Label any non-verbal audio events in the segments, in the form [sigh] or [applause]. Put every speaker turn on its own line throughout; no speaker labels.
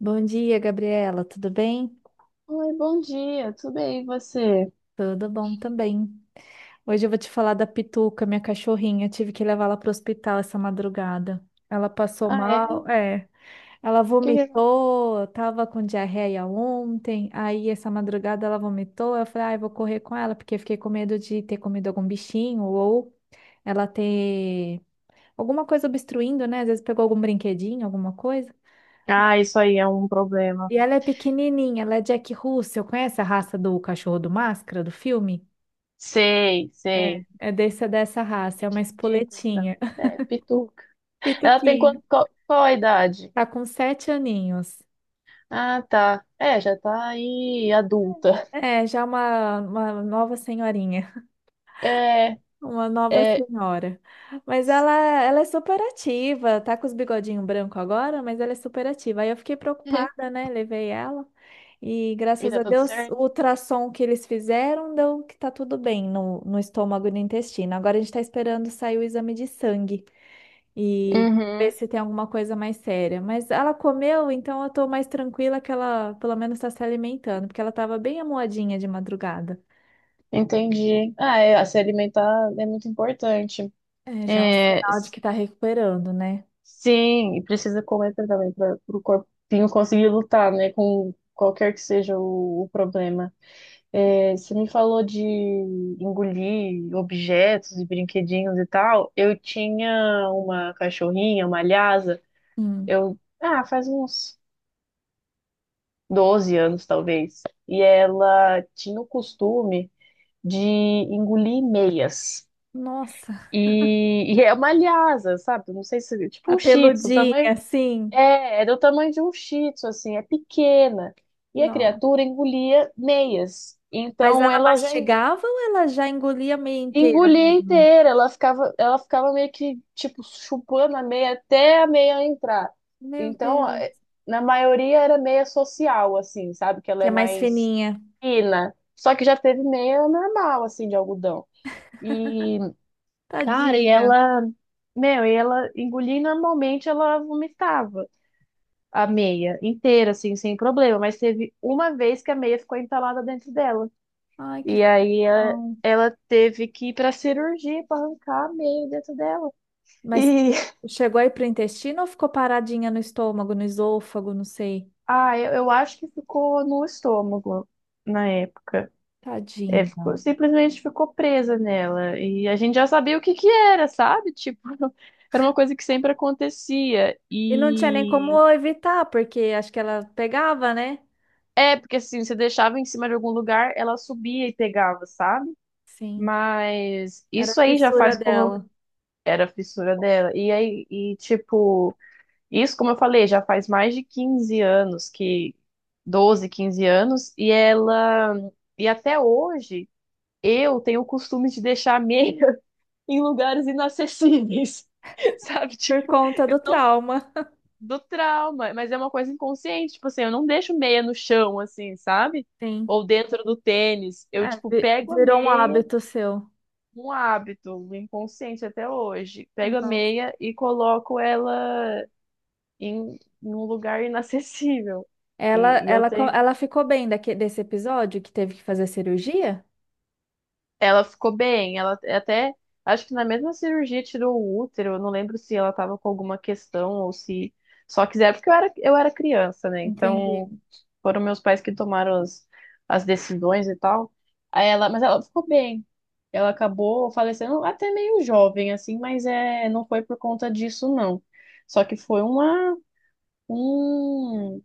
Bom dia, Gabriela. Tudo bem?
Oi, bom dia, tudo bem, e você?
Tudo bom também. Hoje eu vou te falar da Pituca, minha cachorrinha. Eu tive que levá-la para o hospital essa madrugada. Ela passou
Ah, é?
mal, é. Ela
É?
vomitou, tava com diarreia ontem. Aí essa madrugada ela vomitou. Eu falei, ah, eu vou correr com ela, porque eu fiquei com medo de ter comido algum bichinho ou ela ter alguma coisa obstruindo, né? Às vezes pegou algum brinquedinho, alguma coisa.
Ah, isso aí é um problema.
E ela é pequenininha, ela é Jack Russell. Conhece a raça do cachorro do Máscara, do filme?
Sei,
É,
sei.
é desse, é dessa raça, é uma
Piquititico,
espoletinha.
então.
[laughs]
É, pituca. Ela tem
Pituquinho.
quanto, qual a idade?
Tá com 7 aninhos.
Ah, tá. É, já tá aí adulta.
É, já uma nova senhorinha.
É,
Uma nova
é.
senhora. Mas ela é super ativa, tá com os bigodinhos branco agora, mas ela é super ativa. Aí eu fiquei preocupada,
[laughs]
né? Levei ela. E
E
graças
tá
a
tudo
Deus, o
certo?
ultrassom que eles fizeram deu que tá tudo bem no estômago e no intestino. Agora a gente tá esperando sair o exame de sangue e ver
Uhum,
se tem alguma coisa mais séria. Mas ela comeu, então eu tô mais tranquila que ela pelo menos tá se alimentando, porque ela tava bem amuadinha de madrugada.
entendi. Ah, é, se alimentar é muito importante.
É, já é um
É,
sinal de que tá recuperando, né?
sim, e precisa comer também para o corpinho conseguir lutar, né, com qualquer que seja o problema. É, você me falou de engolir objetos e brinquedinhos e tal. Eu tinha uma cachorrinha, uma lhasa,
Hum.
faz uns 12 anos talvez, e ela tinha o costume de engolir meias.
Nossa,
E é uma lhasa, sabe? Não sei se, tipo
a
um shih tzu.
peludinha, assim.
É do tamanho de um shih tzu, assim, é pequena. E a
Não.
criatura engolia meias.
Mas
Então
ela
ela já en-
mastigava ou ela já engolia meio inteira
engolia
mesmo?
inteira, ela ficava meio que, tipo, chupando a meia até a meia entrar.
Meu
Então, é,
Deus.
na maioria era meia social, assim, sabe? Que ela
Que é
é
mais
mais
fininha.
fina. Só que já teve meia normal, assim, de algodão. E, cara, e
Tadinha.
ela, meu, e ela engolia e normalmente ela vomitava. A meia inteira, assim, sem problema, mas teve uma vez que a meia ficou entalada dentro dela.
Ai, que
E aí
judiação.
ela teve que ir pra cirurgia pra arrancar a meia dentro dela.
Mas
E [laughs]
chegou aí pro intestino ou ficou paradinha no estômago, no esôfago, não sei.
eu acho que ficou no estômago na época. É,
Tadinha.
ficou, simplesmente ficou presa nela. E a gente já sabia o que que era, sabe? Tipo, [laughs] era uma coisa que sempre acontecia.
E não tinha nem
E
como evitar, porque acho que ela pegava, né?
é, porque assim, você deixava em cima de algum lugar, ela subia e pegava, sabe?
Sim.
Mas
Era a
isso aí já
fissura
faz como
dela.
era a fissura dela. E aí, e tipo, isso, como eu falei, já faz mais de 15 anos que 12 15 anos, e ela e até hoje eu tenho o costume de deixar a meia [laughs] em lugares inacessíveis, [laughs] sabe?
Por
Tipo,
conta do
não-
trauma.
do trauma, mas é uma coisa inconsciente, tipo assim, eu não deixo meia no chão assim, sabe?
Sim.
Ou dentro do tênis, eu
É,
tipo pego a
virou um
meia,
hábito seu.
um hábito, um inconsciente até hoje. Pego a
Nossa.
meia e coloco ela em, em um lugar inacessível.
Ela,
E eu
ela, co-
tenho.
ela ficou bem daque desse episódio que teve que fazer cirurgia?
Ela ficou bem, ela até, acho que na mesma cirurgia tirou o útero, eu não lembro se ela tava com alguma questão ou se só quiser, porque eu era criança, né? Então
Entendi,
foram meus pais que tomaram as decisões e tal. Aí ela, mas ela ficou bem. Ela acabou falecendo até meio jovem, assim, mas é, não foi por conta disso, não. Só que foi um,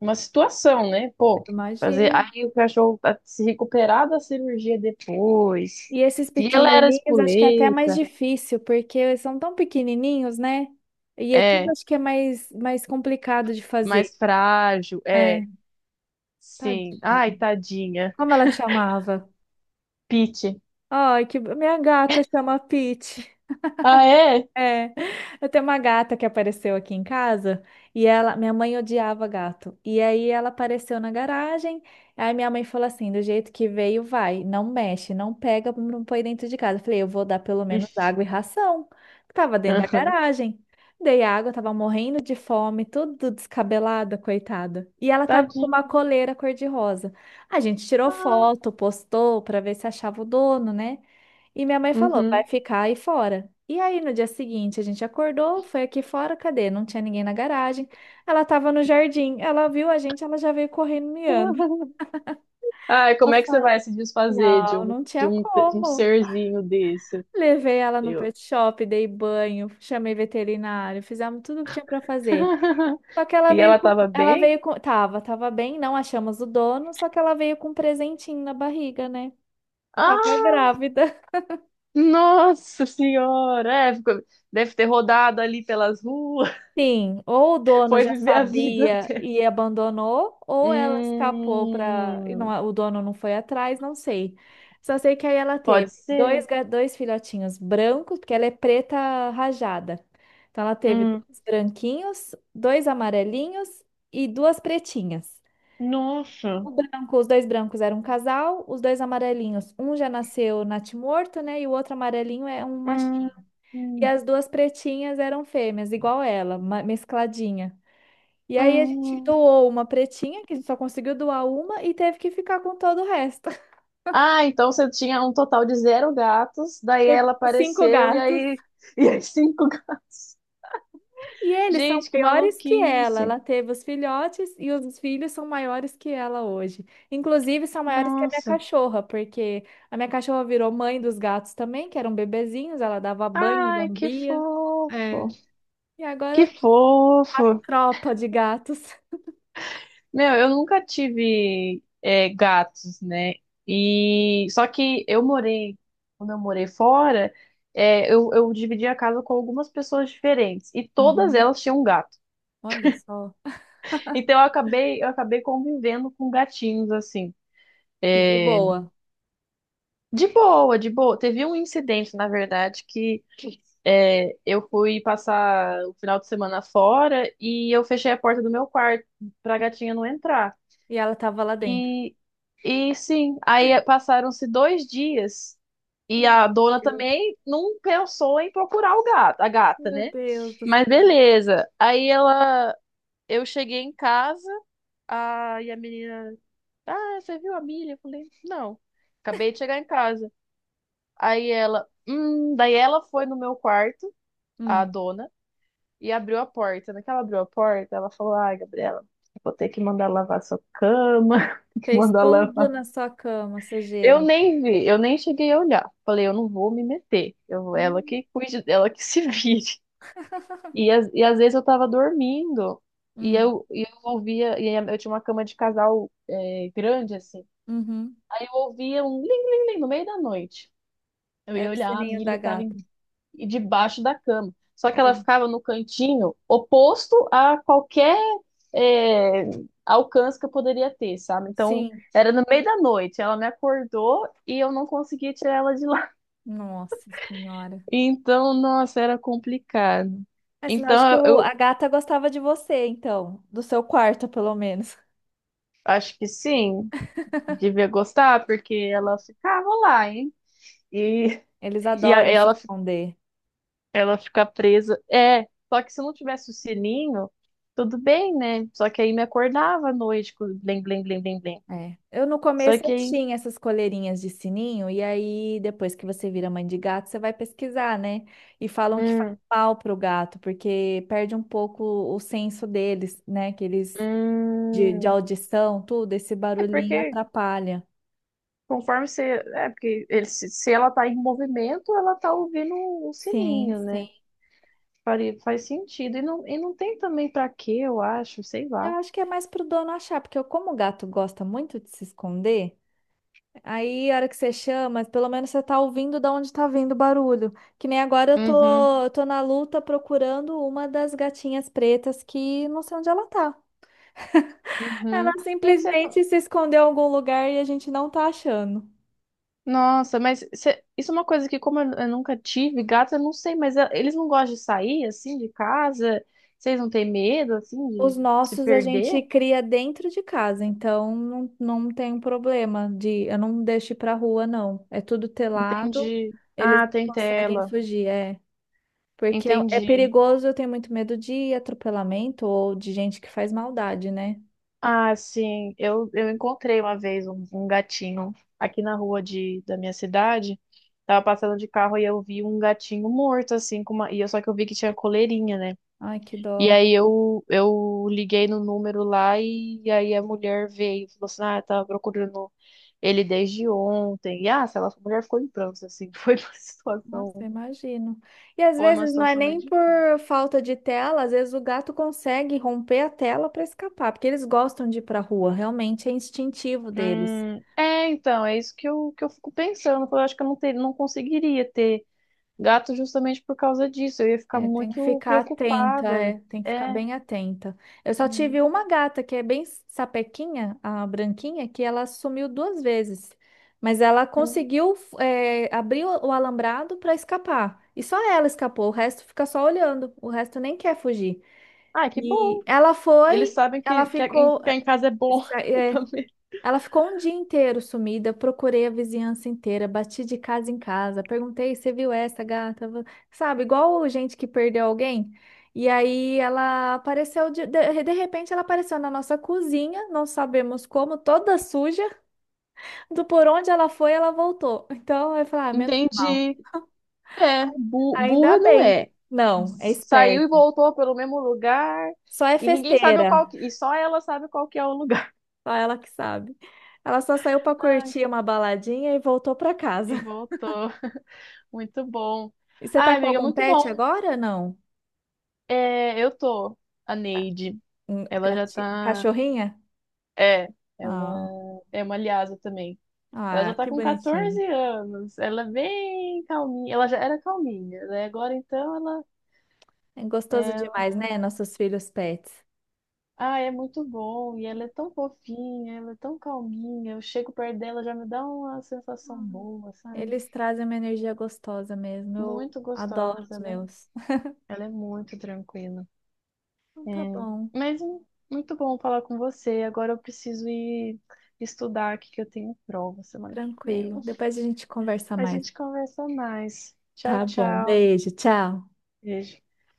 uma situação, né? Pô, fazer
imagino.
aí o cachorro tá se recuperar da cirurgia depois.
E esses
E ela era
pequenininhos acho que é até mais
espoleta,
difícil, porque eles são tão pequenininhos, né? E é tudo
é,
acho que é mais, mais complicado de fazer.
mais frágil,
É,
é, sim.
tadinha.
Ai, tadinha.
Como ela chamava?
Pete.
Ai, que minha gata chama Pete.
Ah, é?
É, eu tenho uma gata que apareceu aqui em casa e ela, minha mãe odiava gato. E aí ela apareceu na garagem. Aí minha mãe falou assim: do jeito que veio, vai, não mexe, não pega, não põe dentro de casa. Eu falei: eu vou dar pelo menos
Ixi.
água e ração. Tava dentro da
Aham.
garagem. Dei água, tava morrendo de fome, tudo descabelada, coitada. E ela tava com uma
Tadinha.
coleira cor-de-rosa. A gente tirou
Ah,
foto, postou pra ver se achava o dono, né? E minha mãe falou, vai
uhum.
ficar aí fora. E aí, no dia seguinte, a gente acordou, foi aqui fora, cadê? Não tinha ninguém na garagem. Ela tava no jardim, ela viu a gente, ela já veio correndo miando.
[laughs] Ai,
Eu
como é que você
falei,
vai se desfazer de
não,
um,
não
de
tinha
um, um
como.
serzinho desse?
Levei ela no
Eu.
pet shop, dei banho, chamei veterinário, fizemos tudo o que tinha pra fazer.
[laughs]
Só que ela
E
veio
ela
com,
tava
ela
bem?
veio com, tava, tava bem, não achamos o dono, só que ela veio com um presentinho na barriga, né? Tava
Ah,
grávida.
nossa senhora, é, ficou- deve ter rodado ali pelas ruas, [laughs]
Sim, ou o dono
foi
já
viver a vida
sabia
dela.
e abandonou, ou ela escapou para e não,
Hum,
o dono não foi atrás, não sei. Só sei que aí ela
pode
teve dois,
ser.
dois filhotinhos brancos, porque ela é preta rajada. Então ela teve
Hum,
dois branquinhos, dois amarelinhos e duas pretinhas.
nossa.
O branco, os dois brancos eram um casal, os dois amarelinhos, um já nasceu natimorto, né? E o outro amarelinho é um
Hum,
machinho. E
hum,
as duas pretinhas eram fêmeas, igual ela, mescladinha. E aí a gente
hum.
doou uma pretinha, que a gente só conseguiu doar uma, e teve que ficar com todo o resto. [laughs]
Ah, então você tinha um total de zero gatos, daí
Teve
ela
cinco
apareceu e
gatos.
aí, [laughs] e aí cinco.
E eles são
Gente, que
maiores que ela.
maluquice.
Ela teve os filhotes e os filhos são maiores que ela hoje. Inclusive, são maiores que a minha
Nossa.
cachorra, porque a minha cachorra virou mãe dos gatos também, que eram bebezinhos, ela dava banho,
Ai, que
lambia. É.
fofo.
E
Que
agora a
fofo.
tropa de gatos.
Meu, eu nunca tive gatos, né? E só que eu morei, quando eu morei fora, eu dividi a casa com algumas pessoas diferentes e todas
Uhum.
elas tinham um gato.
Olha só.
Então eu acabei convivendo com gatinhos assim.
E de
eh,
boa.
De boa, de boa. Teve um incidente, na verdade, que eu fui passar o final de semana fora e eu fechei a porta do meu quarto pra gatinha não entrar.
E ela tava lá dentro.
E, e sim, aí passaram-se dois dias e a dona também não pensou em procurar o gato, a gata,
Meu
né?
Deus do
Mas
céu.
beleza. Aí ela, eu cheguei em casa, e a menina, ah, você viu a Milha? Eu falei, não, acabei de chegar em casa. Daí ela foi no meu quarto, a
Hum.
dona, e abriu a porta. Naquela abriu a porta, ela falou, ai, Gabriela, vou ter que mandar lavar sua cama, [laughs]
Fez
mandar.
tudo na sua cama,
Eu
sujeira.
nem vi, eu nem cheguei a olhar. Falei, eu não vou me meter. Ela
Hum.
que cuide, ela que [laughs] se vire. E, às vezes eu tava dormindo e
Hum.
eu ouvia, e eu tinha uma cama de casal grande assim.
Uhum.
Aí eu ouvia um ling ling ling no meio da noite. Eu
Era
ia
o
olhar, a
sininho da
Milly tava
gata.
debaixo da cama. Só que ela
Olha.
ficava no cantinho oposto a qualquer é, alcance que eu poderia ter, sabe? Então
Sim.
era no meio da noite. Ela me acordou e eu não conseguia tirar ela de.
Nossa Senhora.
Então, nossa, era complicado.
É sinal de que
Então, eu,
a
eu
gata gostava de você, então. Do seu quarto, pelo menos.
acho que sim, devia gostar, porque ela ficava lá, hein? E,
Eles
e a-
adoram se
ela, fi-
esconder.
ela fica presa. É, só que se não tivesse o sininho, tudo bem, né? Só que aí me acordava à noite com o blim blim blim blim blim.
É. Eu no
Só
começo
que
eu
aí.
tinha essas coleirinhas de sininho, e aí depois que você vira mãe de gato, você vai pesquisar, né? E falam que faz
Hum,
mal pro gato, porque perde um pouco o senso deles, né? Que eles de
hum,
audição, tudo, esse
é
barulhinho
porque
atrapalha.
conforme você. É, porque ele, se ela tá em movimento, ela tá ouvindo o
Sim,
sininho,
sim.
né? Faria, faz sentido. E não tem também pra quê, eu acho, sei
Eu
lá.
acho que é mais pro dono achar, porque como o gato gosta muito de se esconder, aí a hora que você chama, pelo menos você tá ouvindo da onde tá vindo o barulho. Que nem agora eu
Uhum,
tô, eu tô na luta procurando uma das gatinhas pretas que não sei onde ela tá. Ela
uhum. E isso é.
simplesmente se escondeu em algum lugar e a gente não tá achando.
Nossa, mas isso é uma coisa que, como eu nunca tive gato, eu não sei, mas eles não gostam de sair, assim, de casa? Vocês não têm medo, assim,
Os
de se
nossos a gente
perder?
cria dentro de casa, então não, não tem um problema de eu não deixo ir pra rua, não. É tudo telado,
Entendi.
eles
Ah,
não
tem
conseguem
tela.
fugir, é. Porque é, é
Entendi.
perigoso, eu tenho muito medo de atropelamento ou de gente que faz maldade, né?
Ah, sim. Eu encontrei uma vez um, gatinho aqui na rua da minha cidade. Tava passando de carro e eu vi um gatinho morto, assim, com uma... e eu, só que eu vi que tinha coleirinha, né?
Ai, que
E
dó.
aí eu liguei no número lá e, aí a mulher veio e falou assim, ah, eu tava procurando ele desde ontem. Sei lá, a mulher ficou em prantos, assim. [laughs] Foi uma
Nossa, eu
situação,
imagino. E às
foi uma
vezes não é
situação meio
nem por
difícil.
falta de tela, às vezes o gato consegue romper a tela para escapar, porque eles gostam de ir pra rua, realmente é instintivo deles.
É, então, é isso que eu fico pensando. Eu acho que eu não conseguiria ter gato justamente por causa disso. Eu ia ficar
É, tem que
muito
ficar atenta,
preocupada.
é, tem que ficar
É.
bem atenta. Eu só
Hum,
tive uma gata que é bem sapequinha, a branquinha, que ela sumiu duas vezes, mas ela
hum.
conseguiu é, abrir o alambrado para escapar. E só ela escapou, o resto fica só olhando, o resto nem quer fugir.
Ah, que
E
bom.
ela
Eles
foi,
sabem
ela
que
ficou,
ficar em casa é bom [laughs]
é,
também.
ela ficou um dia inteiro sumida, procurei a vizinhança inteira, bati de casa em casa, perguntei, você viu essa gata? Sabe, igual gente que perdeu alguém. E aí ela apareceu, de repente ela apareceu na nossa cozinha, não sabemos como, toda suja, do por onde ela foi, ela voltou. Então eu falei, ah, menos mal.
Entendi. É, bu-
Ainda
burra não
bem.
é.
Não, é
Saiu
esperta.
e voltou pelo mesmo lugar
Só é
e ninguém sabe
festeira,
qual que, e só ela sabe qual que é o lugar.
só ela que sabe. Ela só saiu para
Ai,
curtir uma baladinha e voltou para
e
casa.
voltou. Muito bom.
E você tá
Ai,
com
amiga,
algum
muito
pet
bom.
agora, não?
É, eu tô. A Neide. Ela já tá.
Cachorrinha?
É, ela
Ah,
é uma lhasa também. Ela
ah,
já tá
que
com
bonitinho.
14 anos. Ela é bem calminha. Ela já era calminha, né? Agora então ela.
É gostoso demais,
ela-
né? Nossos filhos pets.
Ah, é muito bom. E ela é tão fofinha, ela é tão calminha. Eu chego perto dela, já me dá uma sensação
Hum.
boa, sabe?
Eles trazem uma energia gostosa mesmo. Eu
Muito
adoro os
gostosa, né?
meus. [laughs]
Ela é muito tranquila.
Então
É,
tá bom,
mas muito bom falar com você. Agora eu preciso ir estudar aqui que eu tenho prova semana que vem.
tranquilo. Depois a gente conversa
A
mais.
gente conversa mais. Tchau,
Tá bom,
tchau.
beijo, tchau.
Beijo.